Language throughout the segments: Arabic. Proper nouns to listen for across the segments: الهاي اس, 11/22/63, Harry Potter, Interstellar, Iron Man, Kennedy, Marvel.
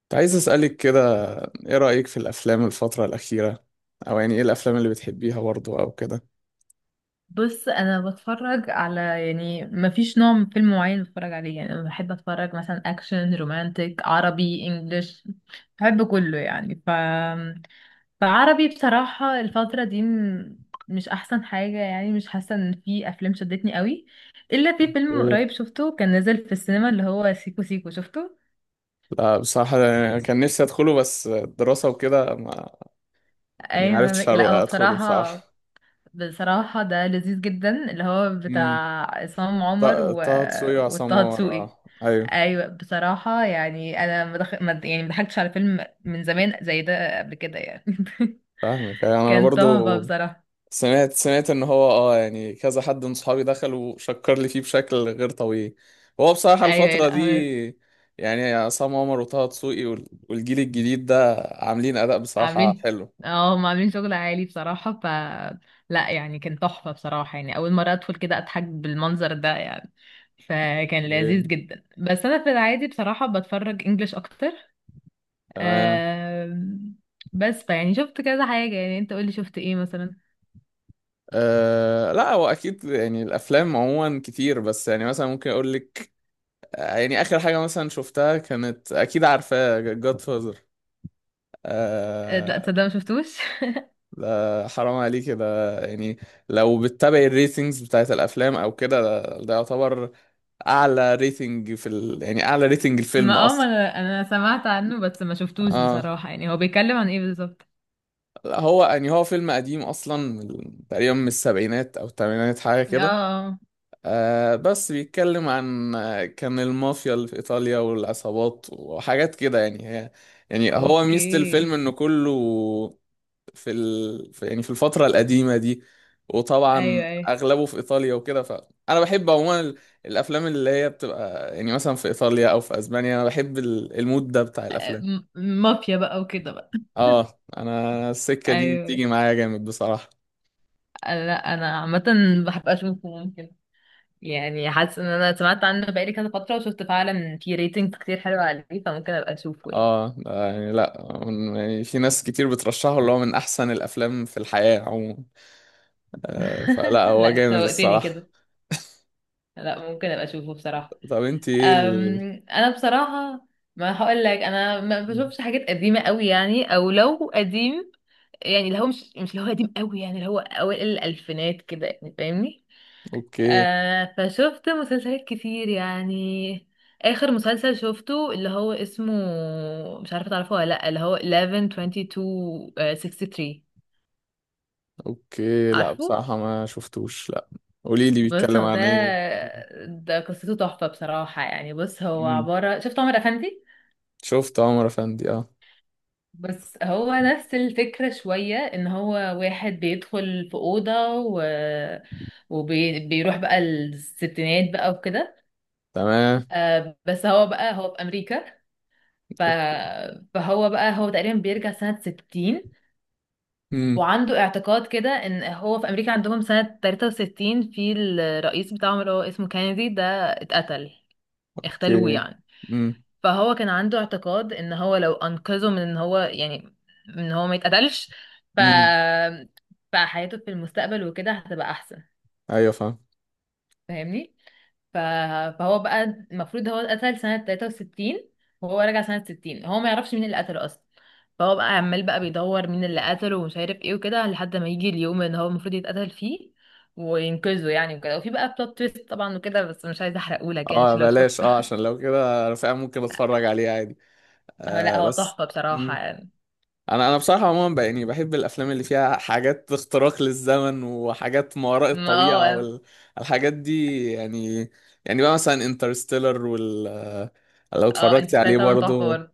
كنت عايز أسألك كده، إيه رأيك في الأفلام الفترة الأخيرة؟ أو يعني إيه الأفلام اللي بتحبيها برضه أو كده؟ بص انا بتفرج على، يعني ما فيش نوع من فيلم معين بتفرج عليه. يعني انا بحب اتفرج مثلا اكشن، رومانتك، عربي، انجليش، بحب كله يعني. فعربي بصراحة الفترة دي مش احسن حاجة، يعني مش حاسة ان في افلام شدتني قوي، الا في فيلم ايه. قريب شفته كان نازل في السينما اللي هو سيكو سيكو شفته. لا بصراحة أنا كان نفسي أدخله، بس الدراسة وكده ما يعني ايوه معرفتش فاهمك. لا هو أدخله بصراحة. بصراحة، بصراحة ده لذيذ جدا، اللي هو بتاع امم. عصام طه عمر طه دسوقي وعصام وطه عمر، دسوقي. أه أيوه. ايوه بصراحة، يعني انا مدخ... مد... يعني مضحكتش على فيلم من زمان زي ده قبل كده يعني. فاهمك أيوة، أنا كان برضه تحفة بصراحة. سمعت ان هو يعني كذا حد من صحابي دخل وشكر لي فيه بشكل غير طبيعي. هو بصراحة ايوه الفترة لا دي، هو يعني عصام عمر وطه دسوقي والجيل الجديد ده عاملين اداء بصراحة عاملين، حلو. اه هم عاملين شغل عالي بصراحة. ف، لا يعني كان تحفة بصراحة، يعني اول مرة ادخل كده اضحك بالمنظر ده يعني. فكان لذيذ اوكي. جدا، بس انا في العادي بصراحة بتفرج انجليش اكتر. تمام. آم، بس فيعني شفت كذا حاجة. يعني انت قولي، شفت ايه مثلا؟ أه، لا هو اكيد يعني الافلام عموما كتير، بس يعني مثلا ممكن اقول لك. يعني اخر حاجة مثلا شفتها كانت، اكيد عارفاه، جاد لا فازر. تصدق ما شفتوش. ده حرام عليك ده، يعني لو بتتابع الريتنجز بتاعت الافلام او كده ده يعتبر اعلى ريتنج يعني اعلى ريتنج ما الفيلم اه ما اصلا. انا انا سمعت عنه بس ما شفتوش اه بصراحة. يعني هو بيتكلم عن ايه بالظبط؟ لا هو يعني هو فيلم قديم اصلا، تقريبا من السبعينات او الثمانينات حاجه اه، كده. آه، بس بيتكلم عن كان المافيا اللي في ايطاليا والعصابات وحاجات كده، يعني هي يعني هو ميزه اوكي. الفيلم انه كله في يعني في الفترة القديمة دي. وطبعا ايوه ايوه. أغلبه في إيطاليا وكده، فأنا بحب عموما الأفلام اللي هي بتبقى يعني مثلا في إيطاليا أو في أسبانيا. أنا بحب المود ده بتاع الأفلام. مافيا بقى وكده بقى. أنا السكة دي ايوه، بتيجي معايا جامد بصراحة. لا انا عامة بحب اشوفه، ممكن يعني. حاسة ان انا سمعت عنه بقالي كذا فترة، وشفت فعلا في ريتنج كتير حلو عليه، فممكن ابقى اشوفه يعني. ده يعني لأ، يعني في ناس كتير بترشحه اللي هو من أحسن الأفلام في الحياة عموما. فلأ هو لا انت جامد شوقتني الصراحة. كده، لا ممكن ابقى اشوفه بصراحة. طب أنت إيه انا بصراحه ما هقول لك، انا ما بشوفش حاجات قديمه قوي يعني، او لو قديم يعني اللي هو مش اللي هو قديم قوي، يعني اللي هو اوائل الالفينات كده، يعني فاهمني؟ أوكي. آه، فشفت مسلسلات كتير يعني. اخر مسلسل شفته اللي هو اسمه، مش عارفه تعرفه ولا لا، اللي هو 11/22/63. اوكي. لا عارفه؟ بصراحة ما شفتوش، لا. قولي لي بص بيتكلم هو ده، عن ايه. ده قصته تحفه بصراحه يعني. بص هو امم. عباره، شفت عمر افندي؟ شفت عمر افندي اه. بس هو نفس الفكرة شوية، ان هو واحد بيدخل في أوضة وبيروح بقى الستينات بقى وكده. تمام. بس هو بقى هو في أمريكا، ف... فهو بقى هو تقريبا بيرجع سنة 60، امم. وعنده اعتقاد كده ان هو في أمريكا عندهم سنة 63، في الرئيس بتاعهم اللي هو اسمه كينيدي ده اتقتل، اختلوه اوكي. يعني. امم. فهو كان عنده اعتقاد ان هو لو انقذه من ان هو يعني، من ان هو ما يتقتلش، ف امم. فحياته في المستقبل وكده هتبقى احسن، ايوه فاهم. فاهمني؟ ف... فهو بقى المفروض هو اتقتل سنة 63، وهو راجع سنة 60، هو ما يعرفش مين اللي قتله اصلا. فهو بقى عمال بقى بيدور مين اللي قتله ومش عارف ايه وكده، لحد ما يجي اليوم ان هو المفروض يتقتل فيه وينقذه يعني وكده. وفي بقى بلوت تويست طبعا وكده، بس مش عايزه احرقهولك يعني اه عشان لو شفت. بلاش، عشان لو كده انا فعلا ممكن اتفرج عليه عادي. لا آه هو بس. تحفه بصراحه امم. يعني. انا بصراحة عموما بقى يعني بحب الافلام اللي فيها حاجات اختراق للزمن وحاجات ما وراء ما الطبيعة هو والحاجات دي يعني. يعني بقى مثلا انترستيلر، وال آه، لو اه اتفرجتي انترستيلر عليه طبعا تحفة برضو. برضه،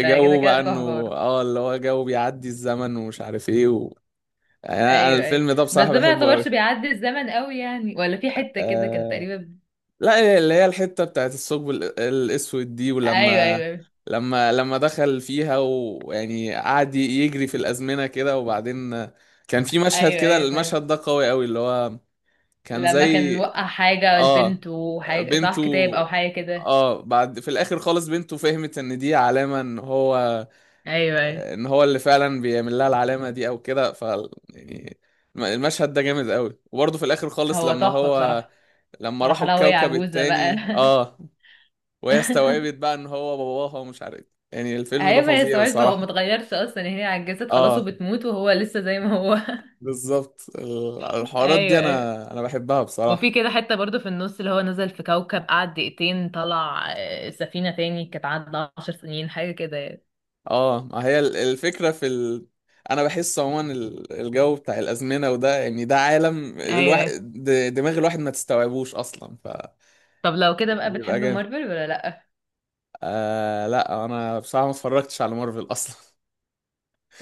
ده كده كده بقى انه، تحفة برضه. اه اللي هو جو بيعدي الزمن ومش عارف ايه يعني انا ايوه ايوه، الفيلم ده بس بصراحة ده ما بحبه يعتبرش قوي. بيعدي الزمن قوي يعني، ولا في حتة كده كانت آه... تقريبا. لا اللي هي الحتة بتاعت الثقب الاسود دي، ايوه ايوه ولما ايوه لما دخل فيها ويعني قعد يجري في الازمنة كده. وبعدين كان في مشهد ايوه كده، ايوه فاهم. المشهد ده قوي قوي، اللي هو كان لما كان زي وقع حاجة اه البنت وحاجة، صح، بنته. كتاب او حاجة كده. اه، بعد في الاخر خالص بنته فهمت ان دي علامة ان هو ايوه ايوه، ان هو اللي فعلا بيعمل لها العلامه دي او كده. ف يعني المشهد ده جامد قوي. وبرضه في الاخر خالص هو لما تحفة هو بصراحة. لما راح راحوا لها وهي الكوكب عجوزة بقى. التاني اه، وهي استوعبت بقى ان هو باباها ومش عارف إيه. يعني الفيلم ده ايوه ما هي فظيع صعيب، هو ما بصراحه. اتغيرش اصلا، هي عجزت خلاص اه وبتموت وهو لسه زي ما هو. بالظبط، الحوارات ايوه دي ايوه. انا بحبها وفي بصراحه. كده حتة برضو في النص، اللي هو نزل في كوكب قعد دقيقتين طلع، سفينة تاني كانت عدى عشر سنين حاجة كده يعني. اه ما هي الفكره انا بحس عموما الجو بتاع الازمنه وده، يعني ده عالم ايوه الواحد، ايه. دماغ الواحد ما تستوعبوش اصلا، طب لو كده بقى، فبيبقى بتحب جامد. مارفل ولا لأ؟ لا انا بصراحه ما اتفرجتش على مارفل اصلا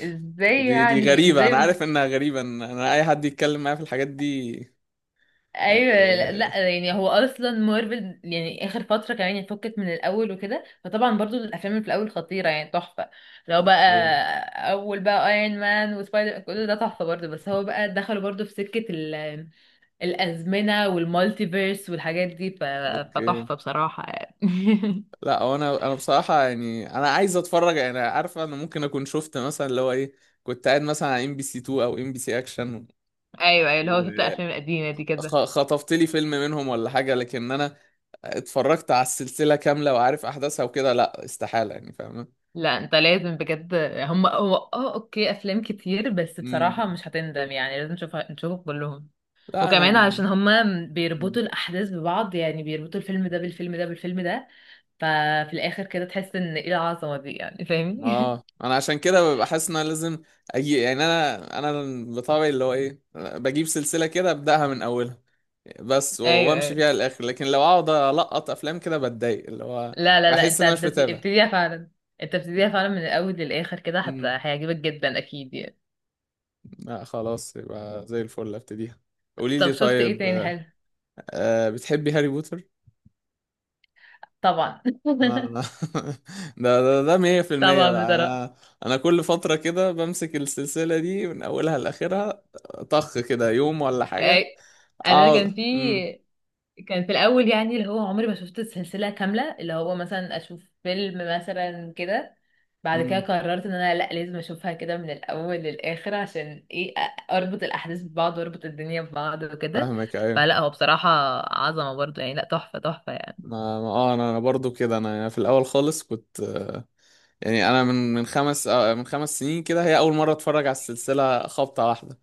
ازاي دي يعني، غريبه، انا ازاي؟ عارف انها غريبه إن انا اي حد يتكلم معايا في الحاجات دي. ايوه لا آه، لا، يعني هو اصلا مارفل يعني اخر فتره كمان يعني فكت من الاول وكده، فطبعا برضو الافلام اللي في الاول خطيره يعني، تحفه. لو بقى اوكي. اول بقى ايرون مان وسبايدر كل ده تحفه برضو، بس هو بقى دخلوا برضو في سكه الازمنه والمالتيفيرس والحاجات دي اوكي. فتحفه بصراحه يعني. لا هو انا بصراحه، يعني انا عايز اتفرج. يعني عارف انا ممكن اكون شفت مثلا اللي هو ايه، كنت قاعد مثلا على ام بي سي 2 او ام بي سي اكشن، ايوه ايوه، اللي هو شفت الافلام القديمه دي كده. وخطفت لي فيلم منهم ولا حاجه. لكن انا اتفرجت على السلسله كامله وعارف احداثها وكده، لا استحاله، يعني فاهم. لا انت لازم بجد، هم هو اه اوكي افلام كتير، بس مم. بصراحه مش هتندم يعني، لازم تشوفها، نشوفهم كلهم. لا وكمان انا، علشان هما بيربطوا الأحداث ببعض، يعني بيربطوا الفيلم ده بالفيلم ده بالفيلم ده، ففي الآخر كده تحس إن إيه العظمة دي يعني، فاهمني؟ اه انا عشان كده ببقى حاسس ان انا لازم اجي. يعني انا بطبعي اللي هو ايه، بجيب سلسله كده ابداها من اولها بس أيوه وامشي أيوه. فيها للاخر. لكن لو اقعد القط افلام كده بتضايق، اللي هو لا احس أنت ان انا مش متابع. ابتديها فعلا. أنت ابتديها فعلا من الأول للآخر، كده امم. هيعجبك جدا أكيد يعني. لا خلاص يبقى زي الفل، ابتديها. قولي لي طب شفت إيه طيب تاني حلو؟ بتحبي هاري بوتر؟ طبعا. آه، ده 100% طبعا بقى. بصراحة. انا، انا كل فتره كده بمسك السلسله دي من اولها لاخرها، طخ كده يوم ولا حاجه. أي. أنا اه. كان في، امم. كان في الاول يعني اللي هو عمري ما شفت السلسله كامله، اللي هو مثلا اشوف فيلم مثلا كده. بعد كده امم. قررت ان انا لا لازم اشوفها كده من الاول للاخر، عشان ايه اربط الاحداث ببعض واربط الدنيا ببعض وكده. فاهمك ايوه. فلا هو بصراحه عظمه برضه يعني، لا تحفه تحفه يعني. انا برضو كده، انا يعني في الاول خالص كنت، يعني انا من 5 سنين كده هي اول مره اتفرج على السلسله خبطه واحده.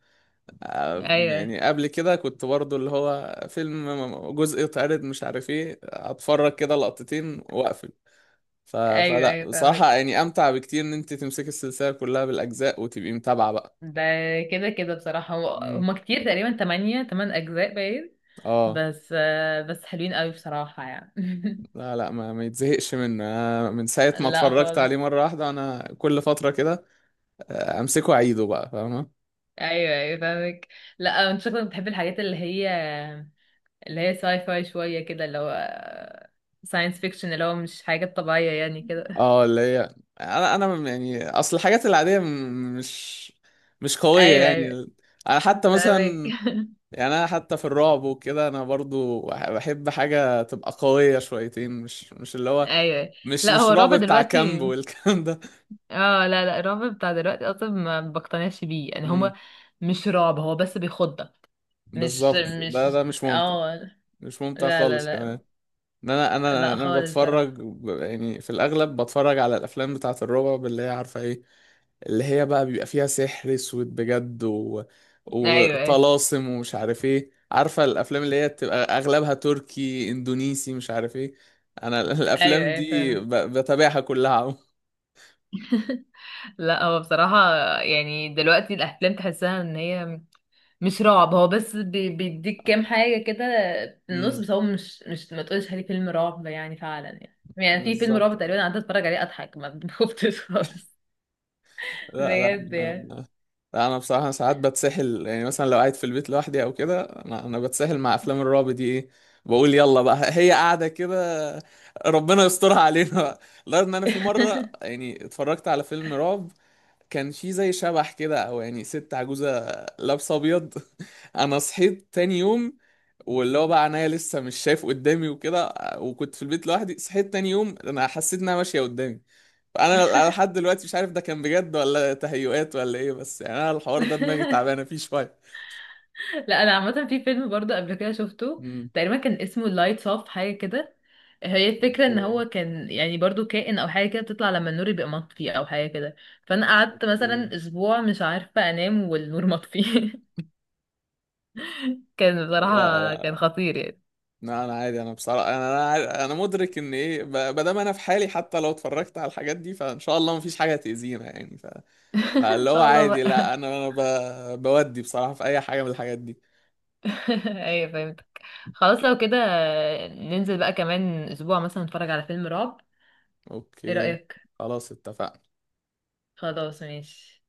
ايوه يعني قبل كده كنت برضو اللي هو فيلم جزء اتعرض مش عارف ايه، اتفرج كده لقطتين واقفل. ايوه فلا ايوه بصراحه فاهمك. يعني امتع بكتير ان انت تمسكي السلسله كلها بالاجزاء وتبقي متابعه بقى. ده كده كده بصراحه امم. هما كتير، تقريبا تمانية، تمن اجزاء باين. اه بس بس حلوين قوي بصراحه يعني. لا لا، ما يتزهقش منه. أنا من ساعة ما لا اتفرجت خالص. عليه مرة واحدة أنا كل فترة كده أمسكه أعيده بقى، فاهمة. ايوه ايوه فاهمك. لا انت شكلك بتحب الحاجات اللي هي، اللي هي ساي فاي شويه كده، اللي هو ساينس فيكشن اللي هو مش حاجه طبيعيه يعني كده. اه اللي هي، أنا يعني أصل الحاجات العادية مش قوية ايوه ايوه يعني. أنا حتى فاهمك. مثلا، يعني أنا حتى في الرعب وكده أنا برضو بحب حاجة تبقى قوية شويتين، مش اللي هو ايوه. مش لا مش هو رعب الرعب بتاع كامب دلوقتي، والكلام ده. اه لا لا الرعب بتاع دلوقتي اصلا ما بقتنعش بيه يعني، امم هما مش رعب هو بس بيخضك. مش بالظبط، ده مش مش ممتع. اه مش ممتع لا لا خالص لا كمان. ان انا انا لا انا خالص بتفرج، بصراحه. يعني في الاغلب بتفرج على الافلام بتاعه الرعب اللي هي عارفه ايه، اللي هي بقى بيبقى فيها سحر اسود بجد ايوه ايوه وطلاسم ومش عارف ايه. عارفه الافلام اللي هي بتبقى اغلبها تركي، اندونيسي، مش عارف ايه. انا ايوه الافلام ايوه دي فاهمك. بتابعها كلها عم. لا هو بصراحة، يعني دلوقتي الأفلام تحسها إن هي مش رعب، هو بس بيديك كام حاجة كده في النص، امم بس هو مش ما تقولش عليه فيلم رعب يعني فعلا يعني. يعني في فيلم بالظبط. رعب تقريبا قعدت اتفرج عليه اضحك، ما خفتش خالص لا لا بجد يعني. لا، انا بصراحه ساعات بتسحل. يعني مثلا لو قاعد في البيت لوحدي او كده، انا بتسحل مع افلام الرعب دي. ايه، بقول يلا بقى هي قاعده كده، ربنا يسترها علينا بقى. لدرجه ان انا في مره، يعني اتفرجت على فيلم رعب كان في زي شبح كده، او يعني ست عجوزه لابسه ابيض انا صحيت تاني يوم، واللي هو بقى عينيا لسه مش شايف قدامي وكده، وكنت في البيت لوحدي، صحيت تاني يوم انا حسيت انها ماشيه قدامي. انا لحد دلوقتي مش عارف ده كان بجد ولا تهيؤات ولا ايه، بس يعني انا الحوار ده دماغي تعبانه فيه شويه. لا انا عامة في فيلم برضه قبل كده شفته، امم. تقريبا كان اسمه لايتس اوف حاجة كده. هي الفكرة ان اوكي. هو كان يعني برضو كائن او حاجة كده، بتطلع لما النور يبقى مطفي او حاجة كده. فانا قعدت اوكي. مثلا اسبوع مش عارفة انام والنور مطفي. كان لا بصراحة، كان لا خطير يعني. لا، انا عادي. انا بصراحه انا مدرك ان ايه، ما دام انا في حالي حتى لو اتفرجت على الحاجات دي فان شاء الله مفيش حاجه تاذينا يعني. ان فاللي هو شاء الله عادي. بقى. لا بودي بصراحه في اي حاجه من الحاجات دي. ايوه فهمتك. خلاص لو كده، ننزل بقى كمان اسبوع مثلا نتفرج على فيلم رعب، ايه اوكي رأيك؟ خلاص اتفقنا. خلاص ماشي.